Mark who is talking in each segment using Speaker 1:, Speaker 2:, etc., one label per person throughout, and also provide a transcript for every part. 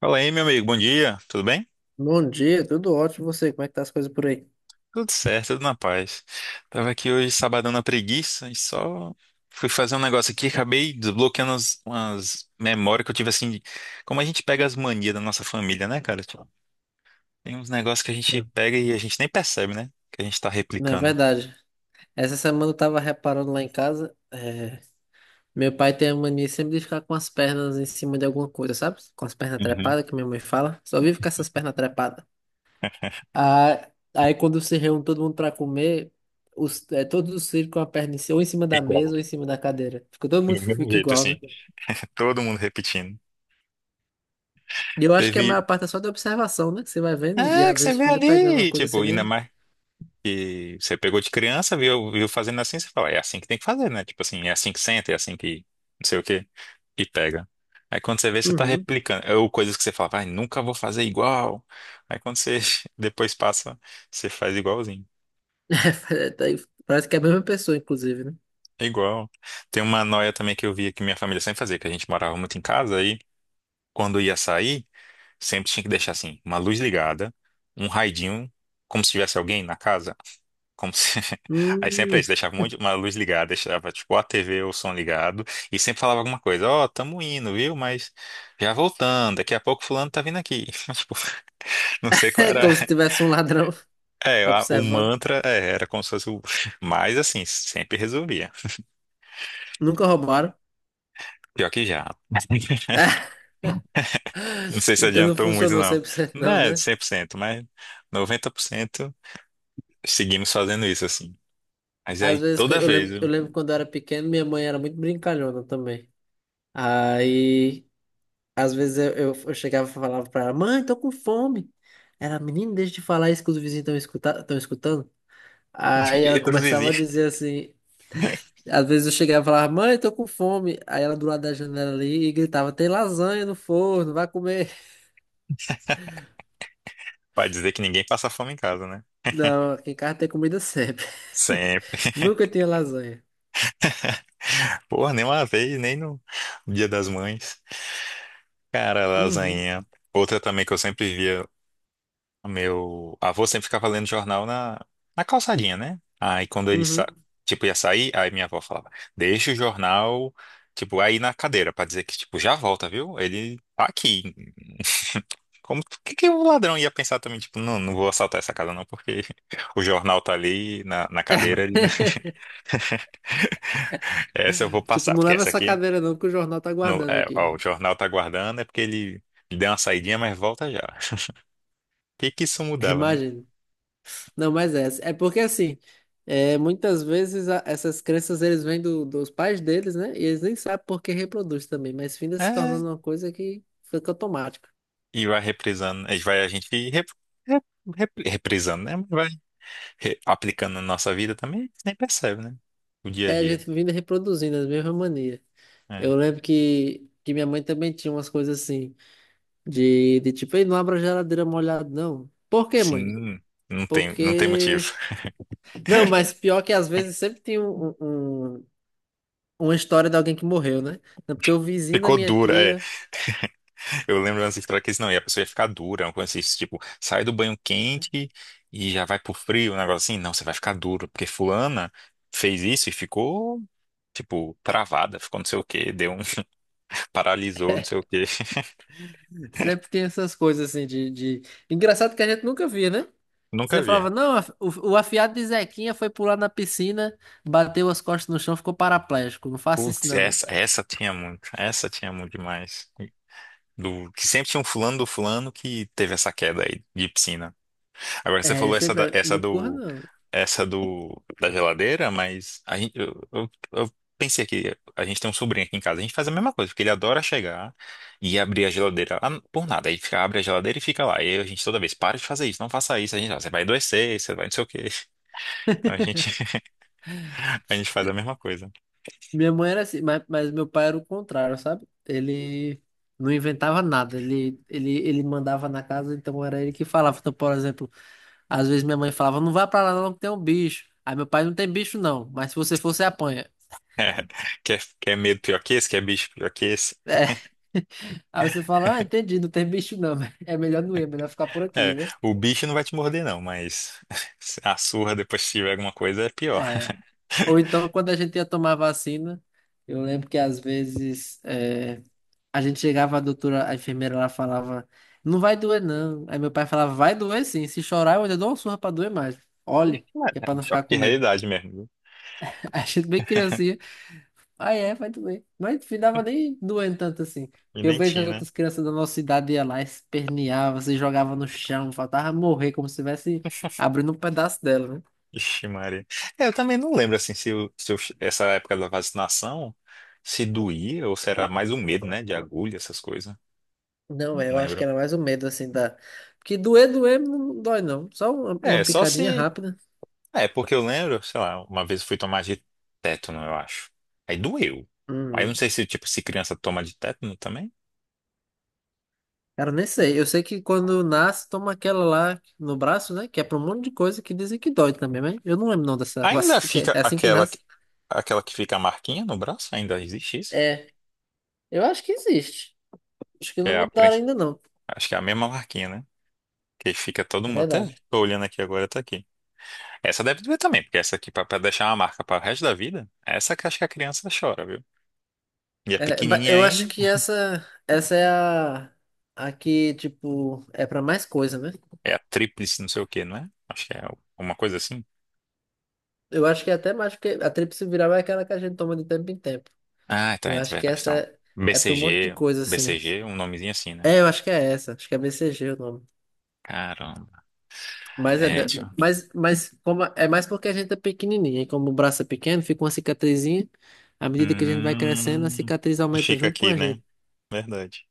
Speaker 1: Fala aí, meu amigo, bom dia, tudo bem?
Speaker 2: Bom dia, tudo ótimo. E você, como é que tá as coisas por aí?
Speaker 1: Tudo certo, tudo na paz. Tava aqui hoje sabadão na preguiça e só fui fazer um negócio aqui, acabei desbloqueando umas memórias que eu tive assim, como a gente pega as manias da nossa família, né, cara? Tipo, tem uns negócios que a gente
Speaker 2: Não,
Speaker 1: pega e a gente nem percebe, né? Que a gente tá
Speaker 2: não é
Speaker 1: replicando.
Speaker 2: verdade. Essa semana eu tava reparando lá em casa. Meu pai tem a mania sempre de ficar com as pernas em cima de alguma coisa, sabe? Com as pernas
Speaker 1: Uhum.
Speaker 2: trepadas, que minha mãe fala. Só vive com essas pernas trepadas. Ah, aí quando se reúne todo mundo pra comer, todos os filhos com a perna em cima, ou em cima da
Speaker 1: Igual.
Speaker 2: mesa ou em cima da cadeira. Todo mundo
Speaker 1: Do mesmo
Speaker 2: fica
Speaker 1: jeito,
Speaker 2: igual,
Speaker 1: assim.
Speaker 2: né?
Speaker 1: Todo mundo repetindo.
Speaker 2: E eu acho que a
Speaker 1: Teve.
Speaker 2: maior parte é só da observação, né? Que você vai vendo e
Speaker 1: É,
Speaker 2: às
Speaker 1: que você
Speaker 2: vezes
Speaker 1: vê
Speaker 2: fica pegando uma
Speaker 1: ali.
Speaker 2: coisa
Speaker 1: Tipo,
Speaker 2: sem
Speaker 1: ainda
Speaker 2: nem.
Speaker 1: mais. Que você pegou de criança, viu, viu fazendo assim, você fala, é assim que tem que fazer, né? Tipo assim, é assim que senta, é assim que não sei o quê, e pega. Aí quando você vê, você tá
Speaker 2: Uhum.
Speaker 1: replicando, ou coisas que você fala, vai, nunca vou fazer igual. Aí quando você depois passa, você faz igualzinho.
Speaker 2: Daí, parece que é a mesma pessoa, inclusive, né?
Speaker 1: É igual. Tem uma noia também que eu via que minha família sempre fazia, que a gente morava muito em casa, aí quando ia sair, sempre tinha que deixar assim, uma luz ligada, um raidinho, como se tivesse alguém na casa. Como se... Aí sempre é
Speaker 2: Hum.
Speaker 1: isso, deixava uma luz ligada, deixava tipo a TV ou o som ligado e sempre falava alguma coisa, ó, tamo indo, viu? Mas já voltando, daqui a pouco fulano tá vindo aqui. Tipo, não sei qual
Speaker 2: É
Speaker 1: era.
Speaker 2: como se tivesse um ladrão
Speaker 1: É, o
Speaker 2: observando.
Speaker 1: mantra é, era como se fosse o... Mas assim, sempre resolvia.
Speaker 2: Nunca roubaram.
Speaker 1: Pior que já. Não sei se
Speaker 2: Então não
Speaker 1: adiantou muito,
Speaker 2: funcionou cem
Speaker 1: não.
Speaker 2: por cento
Speaker 1: Não
Speaker 2: não,
Speaker 1: é
Speaker 2: né?
Speaker 1: 100%, mas 90% seguimos fazendo isso assim. Mas
Speaker 2: Às
Speaker 1: aí
Speaker 2: vezes, que eu
Speaker 1: toda
Speaker 2: eu
Speaker 1: vez,
Speaker 2: lembro, eu lembro quando eu era pequeno, minha mãe era muito brincalhona também. Aí, às vezes eu chegava e falava pra ela, mãe, tô com fome. Era, menino, deixa de falar isso que os vizinhos estão escutando. Aí
Speaker 1: e
Speaker 2: ela
Speaker 1: dos
Speaker 2: começava a
Speaker 1: vizinhos,
Speaker 2: dizer assim. Às vezes eu chegava e falava, mãe, tô com fome. Aí ela do lado da janela ali e gritava, tem lasanha no forno, vai comer.
Speaker 1: pra dizer que ninguém passa fome em casa, né?
Speaker 2: Não, aqui em casa tem comida sempre.
Speaker 1: Sempre.
Speaker 2: Nunca tinha lasanha.
Speaker 1: Porra, nem uma vez, nem no Dia das Mães. Cara,
Speaker 2: Uhum,
Speaker 1: lasanha. Outra também que eu sempre via, o meu avô sempre ficava lendo jornal na calçadinha, né? Aí quando ele sa...
Speaker 2: uhum.
Speaker 1: tipo, ia sair, aí minha avó falava, deixa o jornal, tipo, aí na cadeira, pra dizer que, tipo, já volta, viu? Ele tá aqui. Como o que que o ladrão ia pensar também, tipo, não, não vou assaltar essa casa não, porque o jornal tá ali na cadeira, ele, né? Essa eu vou
Speaker 2: Tipo,
Speaker 1: passar,
Speaker 2: não
Speaker 1: porque
Speaker 2: leva
Speaker 1: essa
Speaker 2: essa
Speaker 1: aqui.
Speaker 2: cadeira não que o jornal tá guardando
Speaker 1: É, ó, o
Speaker 2: aqui.
Speaker 1: jornal tá aguardando, é porque ele deu uma saidinha, mas volta já. O que que isso mudava, né?
Speaker 2: Imagino. Não, mas é. É porque assim, é, muitas vezes essas crenças eles vêm dos pais deles, né? E eles nem sabem por que reproduz também, mas finda se
Speaker 1: É,
Speaker 2: tornando uma coisa que fica automática.
Speaker 1: e vai reprisando, a gente vai, a gente rep, rep, rep- reprisando, né? Vai aplicando na nossa vida também, a gente nem percebe, né? O dia a
Speaker 2: É a
Speaker 1: dia.
Speaker 2: gente vindo reproduzindo as mesmas manias.
Speaker 1: É.
Speaker 2: Eu lembro que minha mãe também tinha umas coisas assim, de tipo, ei, não abra a geladeira molhada, não. Por quê, mãe?
Speaker 1: Sim, não tem motivo.
Speaker 2: Porque. Não, mas pior que às vezes sempre tem uma história de alguém que morreu, né? Não, porque o vizinho da
Speaker 1: Ficou
Speaker 2: minha
Speaker 1: dura, é.
Speaker 2: tia
Speaker 1: Eu lembro antes história que eles, não, e a pessoa ia ficar dura, uma coisa assim, tipo, sai do banho quente e já vai pro frio, um negócio assim, não, você vai ficar duro, porque fulana fez isso e ficou tipo, travada, ficou não sei o quê, deu um, paralisou, não sei o quê.
Speaker 2: sempre tem essas coisas assim, de... Engraçado que a gente nunca via, né?
Speaker 1: Nunca
Speaker 2: Você
Speaker 1: vi.
Speaker 2: falava, não, o afiado de Zequinha foi pular na piscina, bateu as costas no chão, ficou paraplégico. Não faça isso,
Speaker 1: Putz,
Speaker 2: não.
Speaker 1: essa tinha muito, essa tinha muito demais. Do, que sempre tinha um fulano do fulano que teve essa queda aí de piscina. Agora você
Speaker 2: É,
Speaker 1: falou essa,
Speaker 2: sempre,
Speaker 1: da-
Speaker 2: era, não corra, não.
Speaker 1: essa do, da geladeira, mas a gente, eu pensei que a gente tem um sobrinho aqui em casa, a gente faz a mesma coisa, porque ele adora chegar e abrir a geladeira ah, por nada. Aí fica, abre a geladeira e fica lá. E aí a gente toda vez, para de fazer isso, não faça isso, a gente, "Ah, você vai adoecer, você vai não sei o quê. Então a gente A gente faz a mesma coisa.
Speaker 2: Minha mãe era assim, mas, meu pai era o contrário, sabe? Ele não inventava nada, ele mandava na casa, então era ele que falava. Então, por exemplo, às vezes minha mãe falava, não vá pra lá não que tem um bicho. Aí meu pai, não tem bicho não, mas se você for, você apanha.
Speaker 1: É, quer medo pior que esse? Quer bicho pior que esse?
Speaker 2: É. Aí você fala, ah, entendi, não tem bicho não, mas é melhor não ir, é melhor ficar por aqui,
Speaker 1: É,
Speaker 2: né?
Speaker 1: o bicho não vai te morder, não, mas a surra depois se tiver alguma coisa é pior.
Speaker 2: É, ou então, quando a gente ia tomar vacina, eu lembro que às vezes a gente chegava, a doutora, a enfermeira lá falava, não vai doer não. Aí meu pai falava, vai doer sim, se chorar eu ainda dou uma surra pra doer mais. Olhe, que é
Speaker 1: É,
Speaker 2: pra
Speaker 1: um
Speaker 2: não ficar
Speaker 1: choque de
Speaker 2: com medo.
Speaker 1: realidade mesmo, viu?
Speaker 2: Aí a gente bem criancinha, ah é, vai doer. Mas não ficava nem doendo tanto assim.
Speaker 1: E
Speaker 2: Eu
Speaker 1: nem
Speaker 2: vejo as
Speaker 1: tinha, né?
Speaker 2: outras crianças da nossa idade ia lá, esperneava, se jogava no chão, faltava morrer, como se estivesse abrindo um pedaço dela, né?
Speaker 1: Ixi, Maria. É, eu também não lembro, assim, se, essa época da vacinação se doía ou se era mais o medo, né? De agulha, essas coisas.
Speaker 2: Não,
Speaker 1: Não
Speaker 2: é, eu acho que
Speaker 1: lembro.
Speaker 2: era mais o medo, assim, da... Porque doer, doer não dói, não. Só
Speaker 1: É,
Speaker 2: uma
Speaker 1: só
Speaker 2: picadinha
Speaker 1: se.
Speaker 2: rápida.
Speaker 1: É, porque eu lembro, sei lá, uma vez eu fui tomar de tétano, eu acho. Aí doeu. Aí eu não
Speaker 2: Hum.
Speaker 1: sei se, tipo, se criança toma de tétano também.
Speaker 2: Cara, nem sei. Eu sei que quando nasce, toma aquela lá no braço, né? Que é pra um monte de coisa que dizem que dói também, mas eu não lembro não dessa
Speaker 1: Ainda
Speaker 2: vacina, que
Speaker 1: fica
Speaker 2: é assim que
Speaker 1: aquela,
Speaker 2: nasce.
Speaker 1: aquela que fica a marquinha no braço? Ainda existe isso?
Speaker 2: É, eu acho que existe. Acho que
Speaker 1: Que
Speaker 2: não
Speaker 1: é a,
Speaker 2: mudaram ainda, não.
Speaker 1: acho que é a mesma marquinha, né? Que fica todo
Speaker 2: É
Speaker 1: mundo até.
Speaker 2: verdade.
Speaker 1: Tô olhando aqui agora, tá aqui. Essa deve doer também, porque essa aqui, pra deixar uma marca para o resto da vida, essa que acho que a criança chora, viu? E é
Speaker 2: É,
Speaker 1: pequenininha
Speaker 2: eu
Speaker 1: ainda.
Speaker 2: acho que essa é a que, tipo, é pra mais coisa, né?
Speaker 1: É a tríplice, não sei o quê, não é? Acho que é uma coisa assim.
Speaker 2: Eu acho que é até mais, porque a tríplice viral é aquela que a gente toma de tempo em tempo.
Speaker 1: Ah, então,
Speaker 2: Eu
Speaker 1: é
Speaker 2: acho que
Speaker 1: verdade.
Speaker 2: essa
Speaker 1: Então,
Speaker 2: é, para um monte de
Speaker 1: BCG,
Speaker 2: coisa, assim.
Speaker 1: BCG, um nomezinho assim, né?
Speaker 2: É, eu acho que é essa. Acho que é BCG o nome.
Speaker 1: Caramba.
Speaker 2: Mas, é,
Speaker 1: É,
Speaker 2: da-
Speaker 1: tio.
Speaker 2: mas como, é mais porque a gente é pequenininho, e como o braço é pequeno, fica uma cicatrizinha. À medida que a gente vai crescendo, a
Speaker 1: Hum,
Speaker 2: cicatriz aumenta
Speaker 1: fica
Speaker 2: junto com
Speaker 1: aqui,
Speaker 2: a
Speaker 1: né?
Speaker 2: gente.
Speaker 1: Verdade.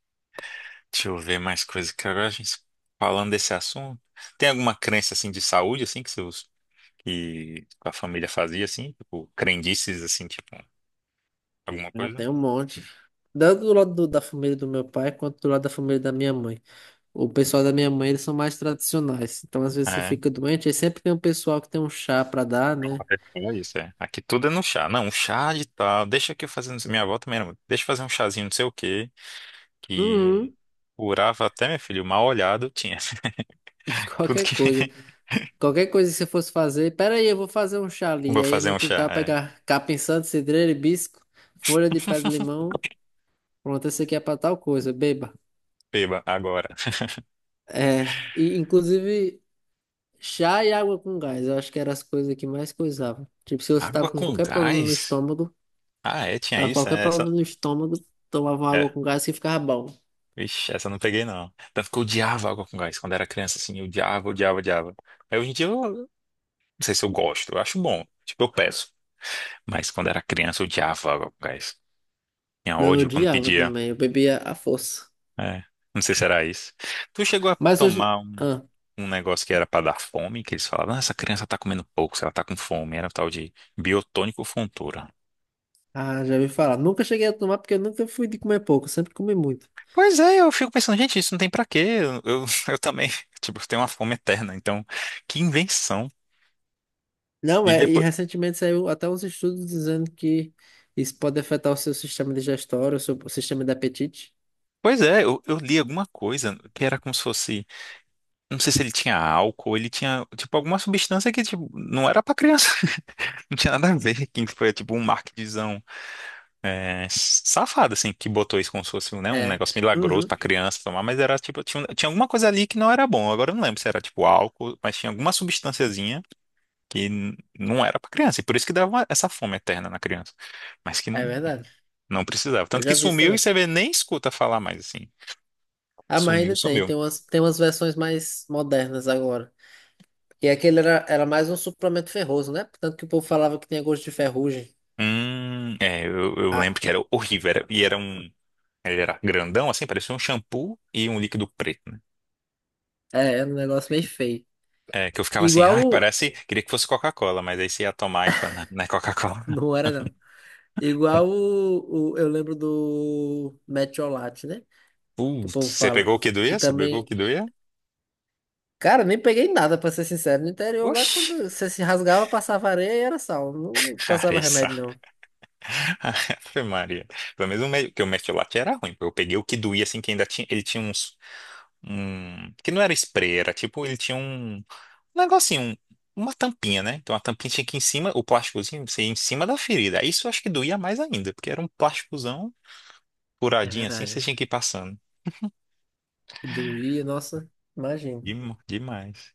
Speaker 1: Deixa eu ver mais coisas que agora a gente falando desse assunto. Tem alguma crença assim de saúde assim que seus que a família fazia assim, tipo crendices assim, tipo alguma
Speaker 2: Ela
Speaker 1: coisa?
Speaker 2: tem um monte. Tanto do lado da família do meu pai, quanto do lado da família da minha mãe. O pessoal da minha mãe, eles são mais tradicionais. Então, às vezes, você
Speaker 1: É,
Speaker 2: fica doente, aí sempre tem um pessoal que tem um chá pra dar,
Speaker 1: então
Speaker 2: né?
Speaker 1: até que falar isso, é. Aqui tudo é no chá. Não, um chá de tal. Deixa que eu fazer, não sei- minha avó também era muito. Deixa eu fazer um chazinho, não sei o quê. Que
Speaker 2: Uhum.
Speaker 1: curava até, meu filho, mal olhado tinha.
Speaker 2: De
Speaker 1: Tudo
Speaker 2: qualquer
Speaker 1: que.
Speaker 2: coisa. Qualquer coisa que você fosse fazer. Pera aí, eu vou fazer um chá ali.
Speaker 1: Vou
Speaker 2: Aí ia
Speaker 1: fazer
Speaker 2: no
Speaker 1: um chá,
Speaker 2: quintal
Speaker 1: é.
Speaker 2: pegar capim santo, cidreira, hibisco, folha de pé de limão. Pronto, esse aqui é pra tal coisa, beba.
Speaker 1: Beba agora.
Speaker 2: É. E, inclusive, chá e água com gás. Eu acho que eram as coisas que mais coisavam. Tipo, se você tava
Speaker 1: Água
Speaker 2: com
Speaker 1: com
Speaker 2: qualquer problema no
Speaker 1: gás?
Speaker 2: estômago,
Speaker 1: Ah, é, tinha
Speaker 2: tava com
Speaker 1: isso,
Speaker 2: qualquer
Speaker 1: é, essa.
Speaker 2: problema no estômago, tomava uma
Speaker 1: É.
Speaker 2: água com gás que ficava bom.
Speaker 1: Vixe, essa eu não peguei, não. Tanto que eu odiava água com gás. Quando era criança, assim, eu odiava, odiava, odiava. Aí hoje em dia eu não sei se eu gosto, eu acho bom. Tipo, eu peço. Mas quando era criança, eu odiava água com gás. Tinha
Speaker 2: Não, eu
Speaker 1: ódio quando
Speaker 2: odiava
Speaker 1: pedia.
Speaker 2: também. Eu bebia à força.
Speaker 1: É. Não sei se era isso. Tu chegou a
Speaker 2: Mas hoje.
Speaker 1: tomar
Speaker 2: Ah,
Speaker 1: um negócio que era para dar fome, que eles falavam, "Ah, essa criança tá comendo pouco, se ela tá com fome, era o tal de biotônico fontura.
Speaker 2: ah, já ouvi falar. Nunca cheguei a tomar porque eu nunca fui de comer pouco. Sempre comi muito.
Speaker 1: Pois é, eu fico pensando, gente, isso não tem pra quê? Eu também, tipo, eu tenho uma fome eterna, então, que invenção.
Speaker 2: Não
Speaker 1: E
Speaker 2: é, e
Speaker 1: depois,
Speaker 2: recentemente saiu até uns estudos dizendo que isso pode afetar o seu sistema digestório, o sistema de apetite.
Speaker 1: pois é, eu li alguma coisa que era como se fosse, não sei se ele tinha álcool, ele tinha, tipo, alguma substância que, tipo, não era pra criança, não tinha nada a ver, que foi, tipo, um marketingzão. É safado, assim, que botou isso como se fosse, né, um
Speaker 2: É.
Speaker 1: negócio milagroso
Speaker 2: Uhum.
Speaker 1: pra criança tomar, mas era tipo, tinha alguma coisa ali que não era bom. Agora eu não lembro se era tipo álcool, mas tinha alguma substânciazinha que não era pra criança. E por isso que dava essa fome eterna na criança. Mas que
Speaker 2: É
Speaker 1: não,
Speaker 2: verdade.
Speaker 1: não precisava.
Speaker 2: Eu
Speaker 1: Tanto que
Speaker 2: já vi isso
Speaker 1: sumiu e
Speaker 2: também.
Speaker 1: você vê, nem escuta falar mais, assim.
Speaker 2: Ah, mas
Speaker 1: Sumiu,
Speaker 2: ainda tem,
Speaker 1: sumiu.
Speaker 2: tem umas, tem umas versões mais modernas agora. E aquele era mais um suplemento ferroso, né? Tanto que o povo falava que tinha gosto de ferrugem.
Speaker 1: É, eu lembro
Speaker 2: Ah,
Speaker 1: que era horrível. Era, e era um. Ele era grandão, assim, parecia um shampoo e um líquido preto, né?
Speaker 2: é, era um negócio meio feio.
Speaker 1: É, que eu ficava assim,
Speaker 2: Igual
Speaker 1: ai,
Speaker 2: o...
Speaker 1: parece. Queria que fosse Coca-Cola, mas aí você ia tomar e falava, não, não é Coca-Cola.
Speaker 2: Não era, não. Eu lembro do Metiolate, né? Que o
Speaker 1: Putz,
Speaker 2: povo
Speaker 1: você
Speaker 2: fala.
Speaker 1: pegou o que
Speaker 2: Que
Speaker 1: doía? Você pegou o
Speaker 2: também...
Speaker 1: que doía?
Speaker 2: Cara, nem peguei nada, pra ser sincero. No interior, lá,
Speaker 1: Oxi,
Speaker 2: quando você se rasgava, passava areia e era sal. Não
Speaker 1: cara,
Speaker 2: passava
Speaker 1: isso.
Speaker 2: remédio, não.
Speaker 1: Ave Maria. Pelo menos que o Mertiolate era ruim. Eu peguei o que doía, assim, que ainda tinha. Ele tinha uns. Um, que não era spray, era tipo, ele tinha um negocinho, uma tampinha, né? Então a tampinha tinha que ir em cima, o plásticozinho, você ia em cima da ferida. Isso eu acho que doía mais ainda, porque era um plásticozão
Speaker 2: É
Speaker 1: furadinho assim, você
Speaker 2: verdade.
Speaker 1: tinha que ir passando.
Speaker 2: E doía, nossa, imagina.
Speaker 1: Demais.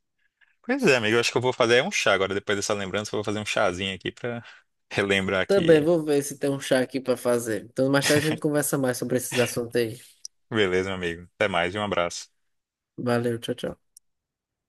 Speaker 1: Pois é, amigo, eu acho que eu vou fazer um chá agora, depois dessa lembrança, eu vou fazer um chazinho aqui pra relembrar
Speaker 2: Também
Speaker 1: que.
Speaker 2: vou ver se tem um chá aqui pra fazer. Então, mais tarde a gente conversa mais sobre esses assuntos aí.
Speaker 1: Beleza, meu amigo. Até mais e um abraço.
Speaker 2: Valeu, tchau, tchau.